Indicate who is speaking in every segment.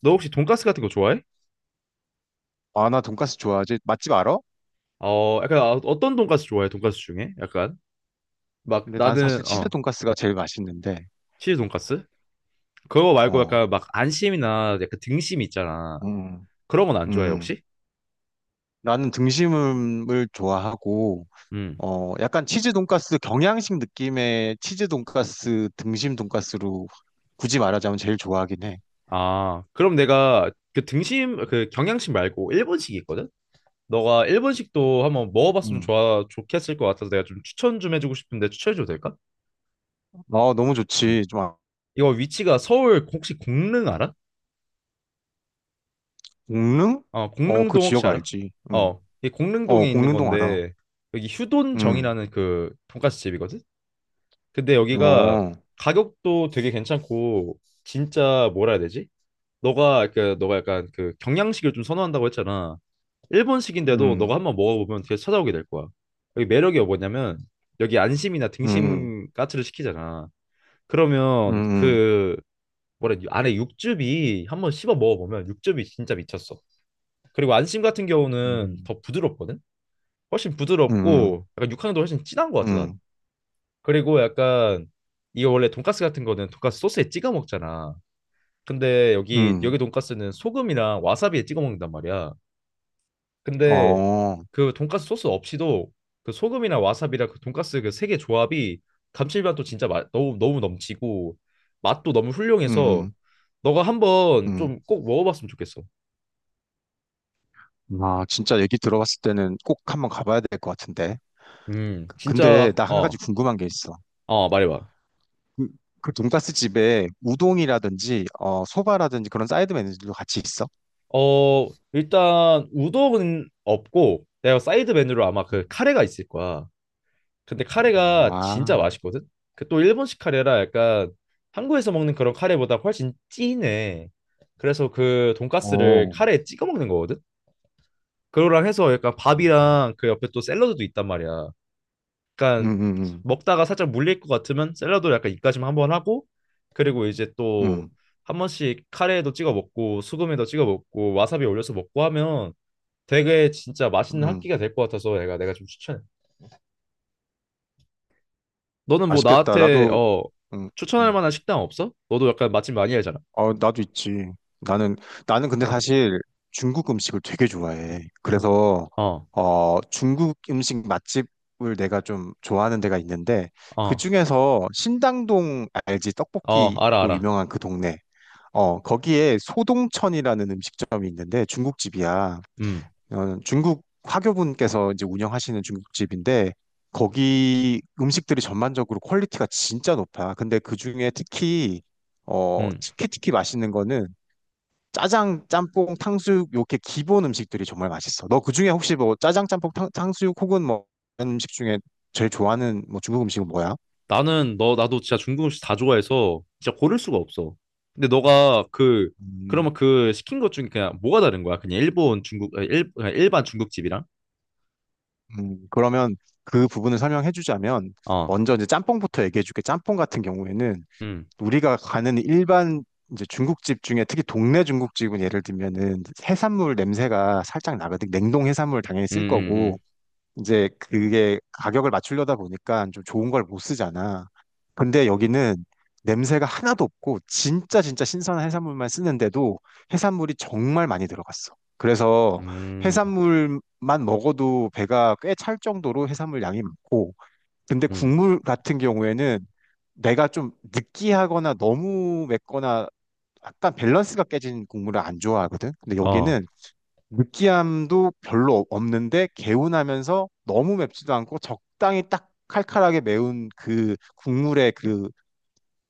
Speaker 1: 너 혹시 돈가스 같은 거 좋아해?
Speaker 2: 아, 나 돈까스 좋아하지. 맛집 알아?
Speaker 1: 어떤 돈가스 좋아해? 돈가스 중에? 약간 막
Speaker 2: 근데 난 사실
Speaker 1: 나는
Speaker 2: 치즈 돈까스가 제일 맛있는데,
Speaker 1: 치즈 돈가스? 그거 말고
Speaker 2: 어,
Speaker 1: 약간 막 안심이나 약간 등심 있잖아.
Speaker 2: 음,
Speaker 1: 그런 건 안 좋아해,
Speaker 2: 음.
Speaker 1: 혹시?
Speaker 2: 나는 등심을 좋아하고,
Speaker 1: 음.
Speaker 2: 어, 약간 치즈 돈까스 경양식 느낌의 치즈 돈까스 등심 돈까스로 굳이 말하자면 제일 좋아하긴 해.
Speaker 1: 아, 그럼 내가 그 등심 그 경양식 말고 일본식이 있거든? 너가 일본식도 한번 먹어봤으면
Speaker 2: 음.
Speaker 1: 좋아 좋겠을 것 같아서 내가 좀 추천 좀 해주고 싶은데 추천해줘도 될까?
Speaker 2: 아, 너무
Speaker 1: 음.
Speaker 2: 좋지. 좀, 아-
Speaker 1: 이거 위치가 서울 혹시 공릉 알아?
Speaker 2: 공릉?
Speaker 1: 어,
Speaker 2: 어, 그
Speaker 1: 공릉동 혹시
Speaker 2: 지역
Speaker 1: 알아?
Speaker 2: 알지. 음.
Speaker 1: 어, 이
Speaker 2: 어,
Speaker 1: 공릉동에 있는
Speaker 2: 공릉동 알아.
Speaker 1: 건데 여기
Speaker 2: 음.
Speaker 1: 휴돈정이라는 그 돈까스 집이거든. 근데 여기가
Speaker 2: 어,
Speaker 1: 가격도 되게 괜찮고 진짜 뭐라 해야 되지? 너가 약간 그 경양식을 좀 선호한다고 했잖아. 일본식인데도
Speaker 2: 음,
Speaker 1: 너가 한번 먹어보면 계속 찾아오게 될 거야. 여기 매력이 뭐냐면 여기 안심이나
Speaker 2: 음,
Speaker 1: 등심 까츠를 시키잖아.
Speaker 2: 음,
Speaker 1: 그러면
Speaker 2: 음,
Speaker 1: 그 뭐라 해야 되지? 안에 육즙이 한번 씹어 먹어보면 육즙이 진짜 미쳤어. 그리고 안심 같은 경우는
Speaker 2: 음,
Speaker 1: 더 부드럽거든? 훨씬
Speaker 2: 음,
Speaker 1: 부드럽고 약간 육향도 훨씬 진한 것
Speaker 2: 음,
Speaker 1: 같아 난.
Speaker 2: 음.
Speaker 1: 그리고 약간 이거 원래 돈까스 같은 거는 돈까스 소스에 찍어 먹잖아. 근데 여기
Speaker 2: 음.
Speaker 1: 돈까스는 소금이랑 와사비에 찍어 먹는단 말이야. 근데
Speaker 2: 어.
Speaker 1: 그 돈까스 소스 없이도 그 소금이나 와사비랑 그 돈까스 그 세 개 조합이 감칠맛도 진짜 맛 너무 너무 넘치고 맛도 너무 훌륭해서
Speaker 2: 음,
Speaker 1: 너가 한번
Speaker 2: 음.
Speaker 1: 좀 꼭 먹어봤으면 좋겠어.
Speaker 2: 아, 진짜 얘기 들어봤을 때는 꼭 한번 가봐야 될 것 같은데. 근데
Speaker 1: 진짜
Speaker 2: 나 한 가지
Speaker 1: 어,
Speaker 2: 궁금한 게 있어.
Speaker 1: 어, 말해봐.
Speaker 2: 그, 그 돈가스 집에 우동이라든지, 어, 소바라든지 그런 사이드 메뉴들도 같이 있어?
Speaker 1: 어, 일단 우동은 없고 내가 사이드 메뉴로 아마 그 카레가 있을 거야. 근데 카레가 진짜
Speaker 2: 아,
Speaker 1: 맛있거든. 그 또 일본식 카레라 약간 한국에서 먹는 그런 카레보다 훨씬 진해. 그래서 그 돈가스를
Speaker 2: 오.
Speaker 1: 카레에 찍어 먹는 거거든. 그거랑 해서 약간
Speaker 2: 음,
Speaker 1: 밥이랑 그 옆에 또 샐러드도 있단 말이야.
Speaker 2: 음,
Speaker 1: 약간
Speaker 2: 음,
Speaker 1: 먹다가 살짝 물릴 것 같으면 샐러드 약간 입가심 한번 하고 그리고 이제 또
Speaker 2: 음,
Speaker 1: 한 번씩 카레에도 찍어 먹고 수금에도 찍어 먹고 와사비 올려서 먹고 하면 되게 진짜 맛있는 한
Speaker 2: 음.
Speaker 1: 끼가 될 것 같아서 내가 좀 추천해. 너는 뭐
Speaker 2: 맛있겠다.
Speaker 1: 나한테
Speaker 2: 나도,
Speaker 1: 어
Speaker 2: 음,
Speaker 1: 추천할
Speaker 2: 음.
Speaker 1: 만한 식당 없어? 너도 약간 맛집 많이 알잖아.
Speaker 2: 어, 나도 있지. 나는, 나는 근데 사실 중국 음식을 되게 좋아해. 그래서,
Speaker 1: 어,
Speaker 2: 어, 중국 음식 맛집을 내가 좀 좋아하는 데가 있는데, 그
Speaker 1: 어,
Speaker 2: 중에서 신당동 알지?
Speaker 1: 어, 알아,
Speaker 2: 떡볶이로
Speaker 1: 알아.
Speaker 2: 유명한 그 동네. 어, 거기에 소동천이라는 음식점이 있는데 중국집이야.
Speaker 1: 음,
Speaker 2: 어, 중국 화교분께서 이제 운영하시는 중국집인데 거기 음식들이 전반적으로 퀄리티가 진짜 높아. 근데 그중에 특히 어
Speaker 1: 음.
Speaker 2: 특히 특히 맛있는 거는 짜장, 짬뽕, 탕수육 이렇게 기본 음식들이 정말 맛있어. 너 그중에 혹시 뭐 짜장, 짬뽕, 탕, 탕수육 혹은 뭐 이런 음식 중에 제일 좋아하는 뭐 중국 음식은 뭐야?
Speaker 1: 나는 너 나도 진짜 중국 음식 다 좋아해서 진짜 고를 수가 없어. 근데 너가 그
Speaker 2: 음,
Speaker 1: 그러면 그 시킨 것 중에 그냥 뭐가 다른 거야? 그냥 일본 중국 아, 일 그냥 일반 중국집이랑?
Speaker 2: 그러면 그 부분을 설명해 주자면
Speaker 1: 어,
Speaker 2: 먼저 이제 짬뽕부터 얘기해 줄게. 짬뽕 같은 경우에는
Speaker 1: 음,
Speaker 2: 우리가 가는 일반 이제 중국집 중에 특히 동네 중국집은 예를 들면은 해산물 냄새가 살짝 나거든. 냉동 해산물 당연히
Speaker 1: 음,
Speaker 2: 쓸 거고
Speaker 1: 음,
Speaker 2: 이제 그게 가격을 맞추려다 보니까 좀 좋은 걸 못 쓰잖아. 근데 여기는 냄새가 하나도 없고 진짜 진짜 신선한 해산물만 쓰는데도 해산물이 정말 많이 들어갔어. 그래서
Speaker 1: 음,
Speaker 2: 해산물만 먹어도 배가 꽤 찰 정도로 해산물 양이 많고 근데
Speaker 1: 음, 음,
Speaker 2: 국물 같은 경우에는 내가 좀 느끼하거나 너무 맵거나 약간 밸런스가 깨진 국물을 안 좋아하거든. 근데
Speaker 1: 어,
Speaker 2: 여기는 느끼함도 별로 없- 는데 개운하면서 너무 맵지도 않고 적당히 딱 칼칼하게 매운 그 국물의 그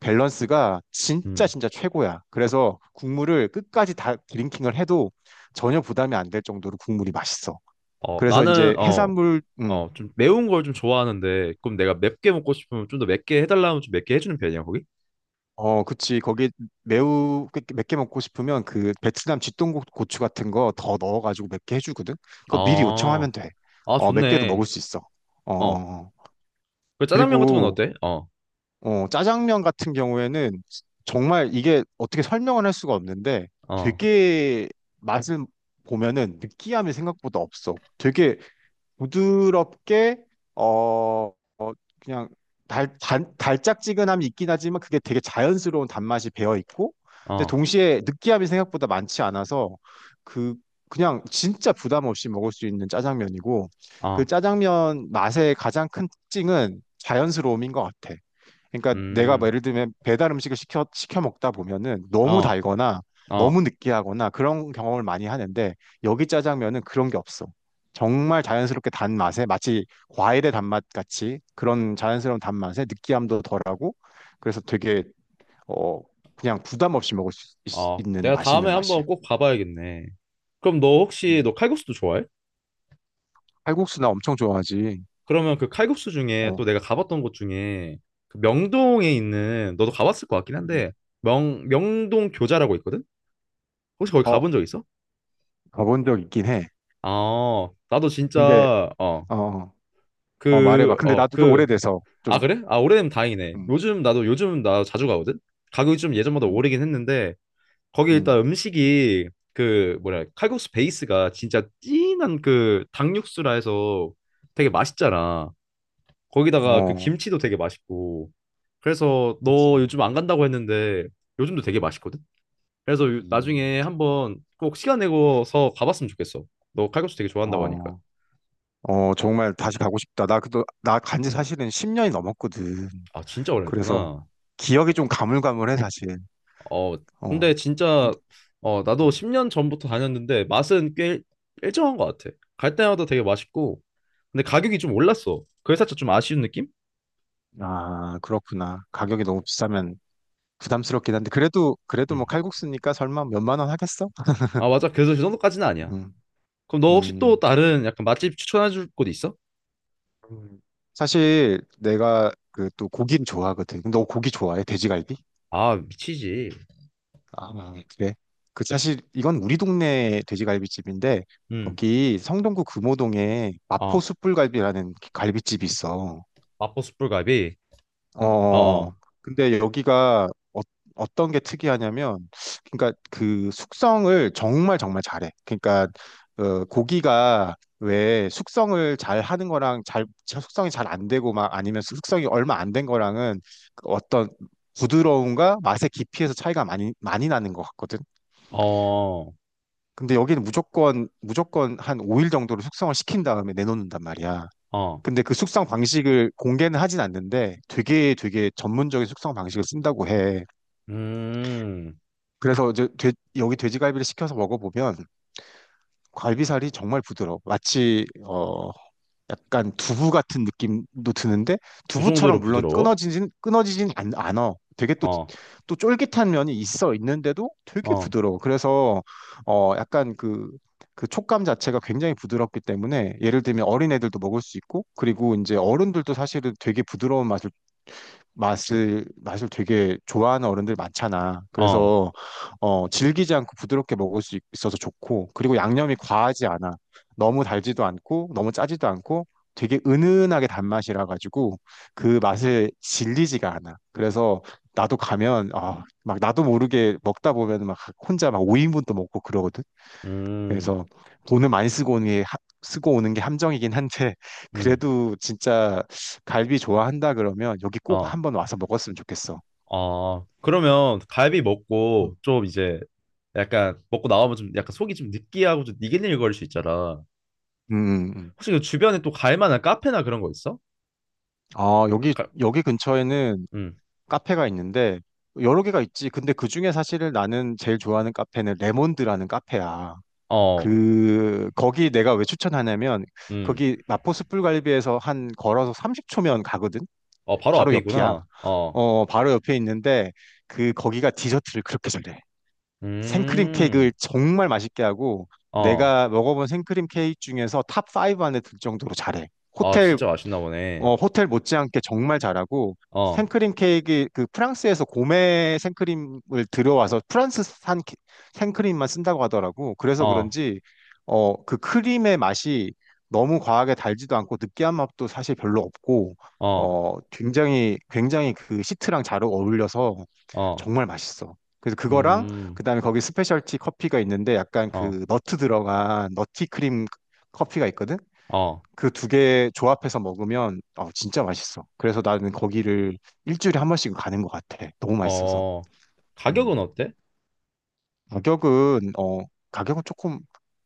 Speaker 2: 밸런스가 진짜
Speaker 1: 음.
Speaker 2: 진짜 최고야. 그래서 국물을 끝까지 다 드링킹을 해도 전혀 부담이 안 될 정도로 국물이 맛있어.
Speaker 1: 어,
Speaker 2: 그래서
Speaker 1: 나는
Speaker 2: 이제
Speaker 1: 어,
Speaker 2: 해산물,
Speaker 1: 어, 좀 매운 걸 좀 좋아하는데 그럼 내가 맵게 먹고 싶으면 좀 더 맵게 해달라면 좀 맵게 해주는 편이야, 거기?
Speaker 2: 어, 그치. 거기 매우 맵게 먹고 싶으면 그 베트남 쥐똥고 고추 같은 거 더 넣어가지고 맵게 해주거든. 그거 미리
Speaker 1: 아,
Speaker 2: 요청하면 돼.
Speaker 1: 아,
Speaker 2: 어, 맵게도
Speaker 1: 좋네.
Speaker 2: 먹을 수 있어. 어,
Speaker 1: 어,
Speaker 2: 어, 어.
Speaker 1: 그 짜장면 같은 건
Speaker 2: 그리고
Speaker 1: 어때? 어,
Speaker 2: 어, 짜장면 같은 경우에는 정말 이게 어떻게 설명을 할 수가 없는데
Speaker 1: 어,
Speaker 2: 되게 맛을 보면은 느끼함이 생각보다 없어. 되게 부드럽게 어, 어, 그냥 달짝지근함이 있긴 하지만 그게 되게 자연스러운 단맛이 배어 있고 근데
Speaker 1: 어,
Speaker 2: 동시에 느끼함이 생각보다 많지 않아서 그 그냥 진짜 부담 없이 먹을 수 있는 짜장면이고 그
Speaker 1: 어,
Speaker 2: 짜장면 맛의 가장 큰 특징은 자연스러움인 것 같아. 그러니까 내가 뭐
Speaker 1: 음,
Speaker 2: 예를 들면 배달 음식을 시켜 먹다 보면은 너무
Speaker 1: 어,
Speaker 2: 달거나
Speaker 1: 어,
Speaker 2: 너무 느끼하거나 그런 경험을 많이 하는데 여기 짜장면은 그런 게 없어. 정말 자연스럽게 단맛에 마치 과일의 단맛 같이 그런 자연스러운 단맛에 느끼함도 덜하고 그래서 되게 어 그냥 부담 없이 먹을 수
Speaker 1: 어.
Speaker 2: 있, 는
Speaker 1: 내가 다음에
Speaker 2: 맛있는 맛이야.
Speaker 1: 한번 꼭 가봐야겠네. 그럼 너 혹시
Speaker 2: 음.
Speaker 1: 너 칼국수도 좋아해?
Speaker 2: 칼국수 나 엄청 좋아하지.
Speaker 1: 그러면 그 칼국수 중에 또
Speaker 2: 어,
Speaker 1: 내가 가봤던 곳 중에 그 명동에 있는 너도 가봤을 것 같긴
Speaker 2: 음.
Speaker 1: 한데 명 명동 교자라고 있거든? 혹시 거기
Speaker 2: 어
Speaker 1: 가본 적 있어?
Speaker 2: 가본 적 있긴 해.
Speaker 1: 아, 나도
Speaker 2: 근데
Speaker 1: 진짜 어,
Speaker 2: 어, 어 어, 말해봐.
Speaker 1: 그,
Speaker 2: 근데
Speaker 1: 어,
Speaker 2: 나도 좀
Speaker 1: 그,
Speaker 2: 오래돼서
Speaker 1: 아
Speaker 2: 좀
Speaker 1: 그래? 아 오래되면 다행이네.
Speaker 2: 음,
Speaker 1: 요즘 나 자주 가거든. 가격이 좀 예전보다
Speaker 2: 음,
Speaker 1: 오르긴 했는데 거기
Speaker 2: 음.
Speaker 1: 일단 음식이 그 뭐라 해야, 칼국수 베이스가 진짜 진한 그 닭육수라 해서 되게 맛있잖아. 거기다가 그
Speaker 2: 어,
Speaker 1: 김치도 되게 맛있고. 그래서
Speaker 2: 그치.
Speaker 1: 너 요즘 안 간다고 했는데 요즘도 되게 맛있거든. 그래서
Speaker 2: 음,
Speaker 1: 나중에 한번 꼭 시간 내고서 가봤으면 좋겠어. 너 칼국수 되게 좋아한다고 하니까.
Speaker 2: 어, 어, 정말 다시 가고 싶다. 나 그도 나 간지 사실은 10년이 넘었거든.
Speaker 1: 아, 진짜 오래
Speaker 2: 그래서
Speaker 1: 했구나.
Speaker 2: 기억이 좀 가물가물해 사실.
Speaker 1: 어, 근데
Speaker 2: 어, 근데
Speaker 1: 진짜 어, 나도
Speaker 2: 음,
Speaker 1: 10년 전부터 다녔는데 맛은 꽤 일정한 것 같아. 갈 때마다 되게 맛있고. 근데 가격이 좀 올랐어. 그래 살짝 좀 아쉬운 느낌?
Speaker 2: 아 그렇구나. 가격이 너무 비싸면 부담스럽긴 한데 그래도 그래도 뭐
Speaker 1: 음.
Speaker 2: 칼국수니까 설마 몇만 원 하겠어?
Speaker 1: 아, 맞아. 그래서 그 정도까지는 아니야.
Speaker 2: 음,
Speaker 1: 그럼 너 혹시 또
Speaker 2: 음.
Speaker 1: 다른 약간 맛집 추천해 줄 곳 있어?
Speaker 2: 음. 사실 내가 그 또 고기는 좋아하거든. 너 고기 좋아해? 돼지갈비?
Speaker 1: 아, 미치지.
Speaker 2: 아, 그래. 그 사실 이건 우리 동네 돼지갈비집인데
Speaker 1: 음.
Speaker 2: 거기 성동구 금호동에 마포
Speaker 1: 어.
Speaker 2: 숯불갈비라는 갈비집이 있어.
Speaker 1: 마포 숯불갈비. 어,
Speaker 2: 어.
Speaker 1: 어.
Speaker 2: 근데 여기가 어, 어떤 게 특이하냐면 그러니까 그 숙성을 정말 정말 잘해. 그러니까 어, 고기가 왜 숙성을 잘 하는 거랑 잘 숙성이 잘 안 되고 막 아니면 숙성이 얼마 안 된 거랑은 그 어떤 부드러움과 맛의 깊이에서 차이가 많이 많이 나는 것 같거든.
Speaker 1: 어.
Speaker 2: 근데 여기는 무조건 무조건 한 5일 정도로 숙성을 시킨 다음에 내놓는단 말이야.
Speaker 1: 어.
Speaker 2: 근데 그 숙성 방식을 공개는 하진 않는데 되게 되게 전문적인 숙성 방식을 쓴다고 해.
Speaker 1: 음.
Speaker 2: 그래서 이제 돼- 여기 돼지갈비를 시켜서 먹어보면 갈비살이 정말 부드러워. 마치 어, 약간 두부 같은 느낌도 드는데
Speaker 1: 그
Speaker 2: 두부처럼
Speaker 1: 정도로
Speaker 2: 물론
Speaker 1: 부드러워?
Speaker 2: 끊어지진 않아. 되게 또
Speaker 1: 어.
Speaker 2: 또 쫄깃한 면이 있어 있는데도 되게
Speaker 1: 어.
Speaker 2: 부드러워. 그래서 어 약간 그 그 촉감 자체가 굉장히 부드럽기 때문에 예를 들면 어린애들도 먹을 수 있고 그리고 이제 어른들도 사실은 되게 부드러운 맛을 맛을 되게 좋아하는 어른들 많잖아.
Speaker 1: 어.
Speaker 2: 그래서 어, 질기지 않고 부드럽게 먹을 수 있- 있어서 좋고 그리고 양념이 과하지 않아. 너무 달지도 않고 너무 짜지도 않고 되게 은은하게 단맛이라 가지고 그 맛을 질리지가 않아. 그래서 나도 가면 아, 막 나도 모르게 먹다 보면 막 혼자 막 5인분도 먹고 그러거든.
Speaker 1: 음.
Speaker 2: 그래서 돈을 많이 쓰고 오는 게 하- 쓰고 오는 게 함정이긴 한데
Speaker 1: 음.
Speaker 2: 그래도 진짜 갈비 좋아한다 그러면 여기 꼭
Speaker 1: 어.
Speaker 2: 한번 와서 먹었으면 좋겠어.
Speaker 1: 아, 그러면 갈비 먹고
Speaker 2: 음.
Speaker 1: 좀 이제 약간 먹고 나오면 좀 약간 속이 좀 느끼하고 좀 니글니글거릴 수 있잖아.
Speaker 2: 음, 음.
Speaker 1: 혹시 그 주변에 또 갈 만한 카페나 그런 거 있어?
Speaker 2: 아, 여기
Speaker 1: 가,
Speaker 2: 여기 근처에는
Speaker 1: 음,
Speaker 2: 카페가 있는데 여러 개가 있지. 근데 그중에 사실 나는 제일 좋아하는 카페는 레몬드라는 카페야.
Speaker 1: 어,
Speaker 2: 그 거기 내가 왜 추천하냐면
Speaker 1: 음,
Speaker 2: 거기 마포 숯불갈비에서 한 걸어서 30초면 가거든.
Speaker 1: 어, 바로
Speaker 2: 바로
Speaker 1: 앞에
Speaker 2: 옆이야.
Speaker 1: 있구나. 어,
Speaker 2: 어, 바로 옆에 있는데 그 거기가 디저트를 그렇게 잘해. 생크림 케이크를
Speaker 1: 음,
Speaker 2: 정말 맛있게 하고
Speaker 1: 어,
Speaker 2: 내가 먹어본 생크림 케이크 중에서 탑5 안에 들 정도로 잘해.
Speaker 1: 아, 진짜
Speaker 2: 호텔
Speaker 1: 맛있나 보네.
Speaker 2: 어, 호텔 못지않게 정말 잘하고
Speaker 1: 어,
Speaker 2: 생크림 케이크 그 프랑스에서 고메 생크림을 들여와서 프랑스산 케- 생크림만 쓴다고 하더라고. 그래서
Speaker 1: 어,
Speaker 2: 그런지 어, 그 크림의 맛이 너무 과하게 달지도 않고 느끼한 맛도 사실 별로 없고
Speaker 1: 어,
Speaker 2: 어, 굉장히 굉장히 그 시트랑 잘 어울려서
Speaker 1: 어,
Speaker 2: 정말 맛있어. 그래서 그거랑
Speaker 1: 음,
Speaker 2: 그다음에 거기 스페셜티 커피가 있는데 약간
Speaker 1: 어,
Speaker 2: 그 너트 들어간 너티 크림 커피가 있거든.
Speaker 1: 어,
Speaker 2: 그 두 개 조합해서 먹으면 어, 진짜 맛있어. 그래서 나는 거기를 일주일에 한 번씩 가는 것 같아. 너무 맛있어서.
Speaker 1: 어,
Speaker 2: 음.
Speaker 1: 가격은 어때?
Speaker 2: 가격은 어, 가격은 조금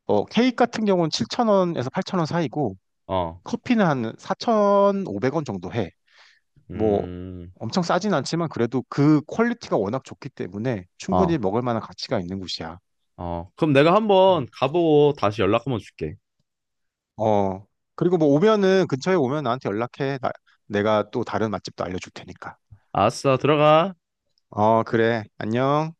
Speaker 2: 어, 케이크 같은 경우는 7,000원에서 8,000원 사이고
Speaker 1: 어,
Speaker 2: 커피는 한 4,500원 정도 해. 뭐
Speaker 1: 음,
Speaker 2: 엄청 싸진 않지만 그래도 그 퀄리티가 워낙 좋기 때문에 충분히
Speaker 1: 어,
Speaker 2: 먹을 만한 가치가 있는 곳이야.
Speaker 1: 어, 그럼 내가 한번
Speaker 2: 음.
Speaker 1: 가보고 다시 연락 한번 줄게.
Speaker 2: 어, 그리고 뭐 오면은 근처에 오면 나한테 연락해. 나- 내가 또 다른 맛집도 알려줄 테니까.
Speaker 1: 알았어, 들어가.
Speaker 2: 어, 그래. 안녕.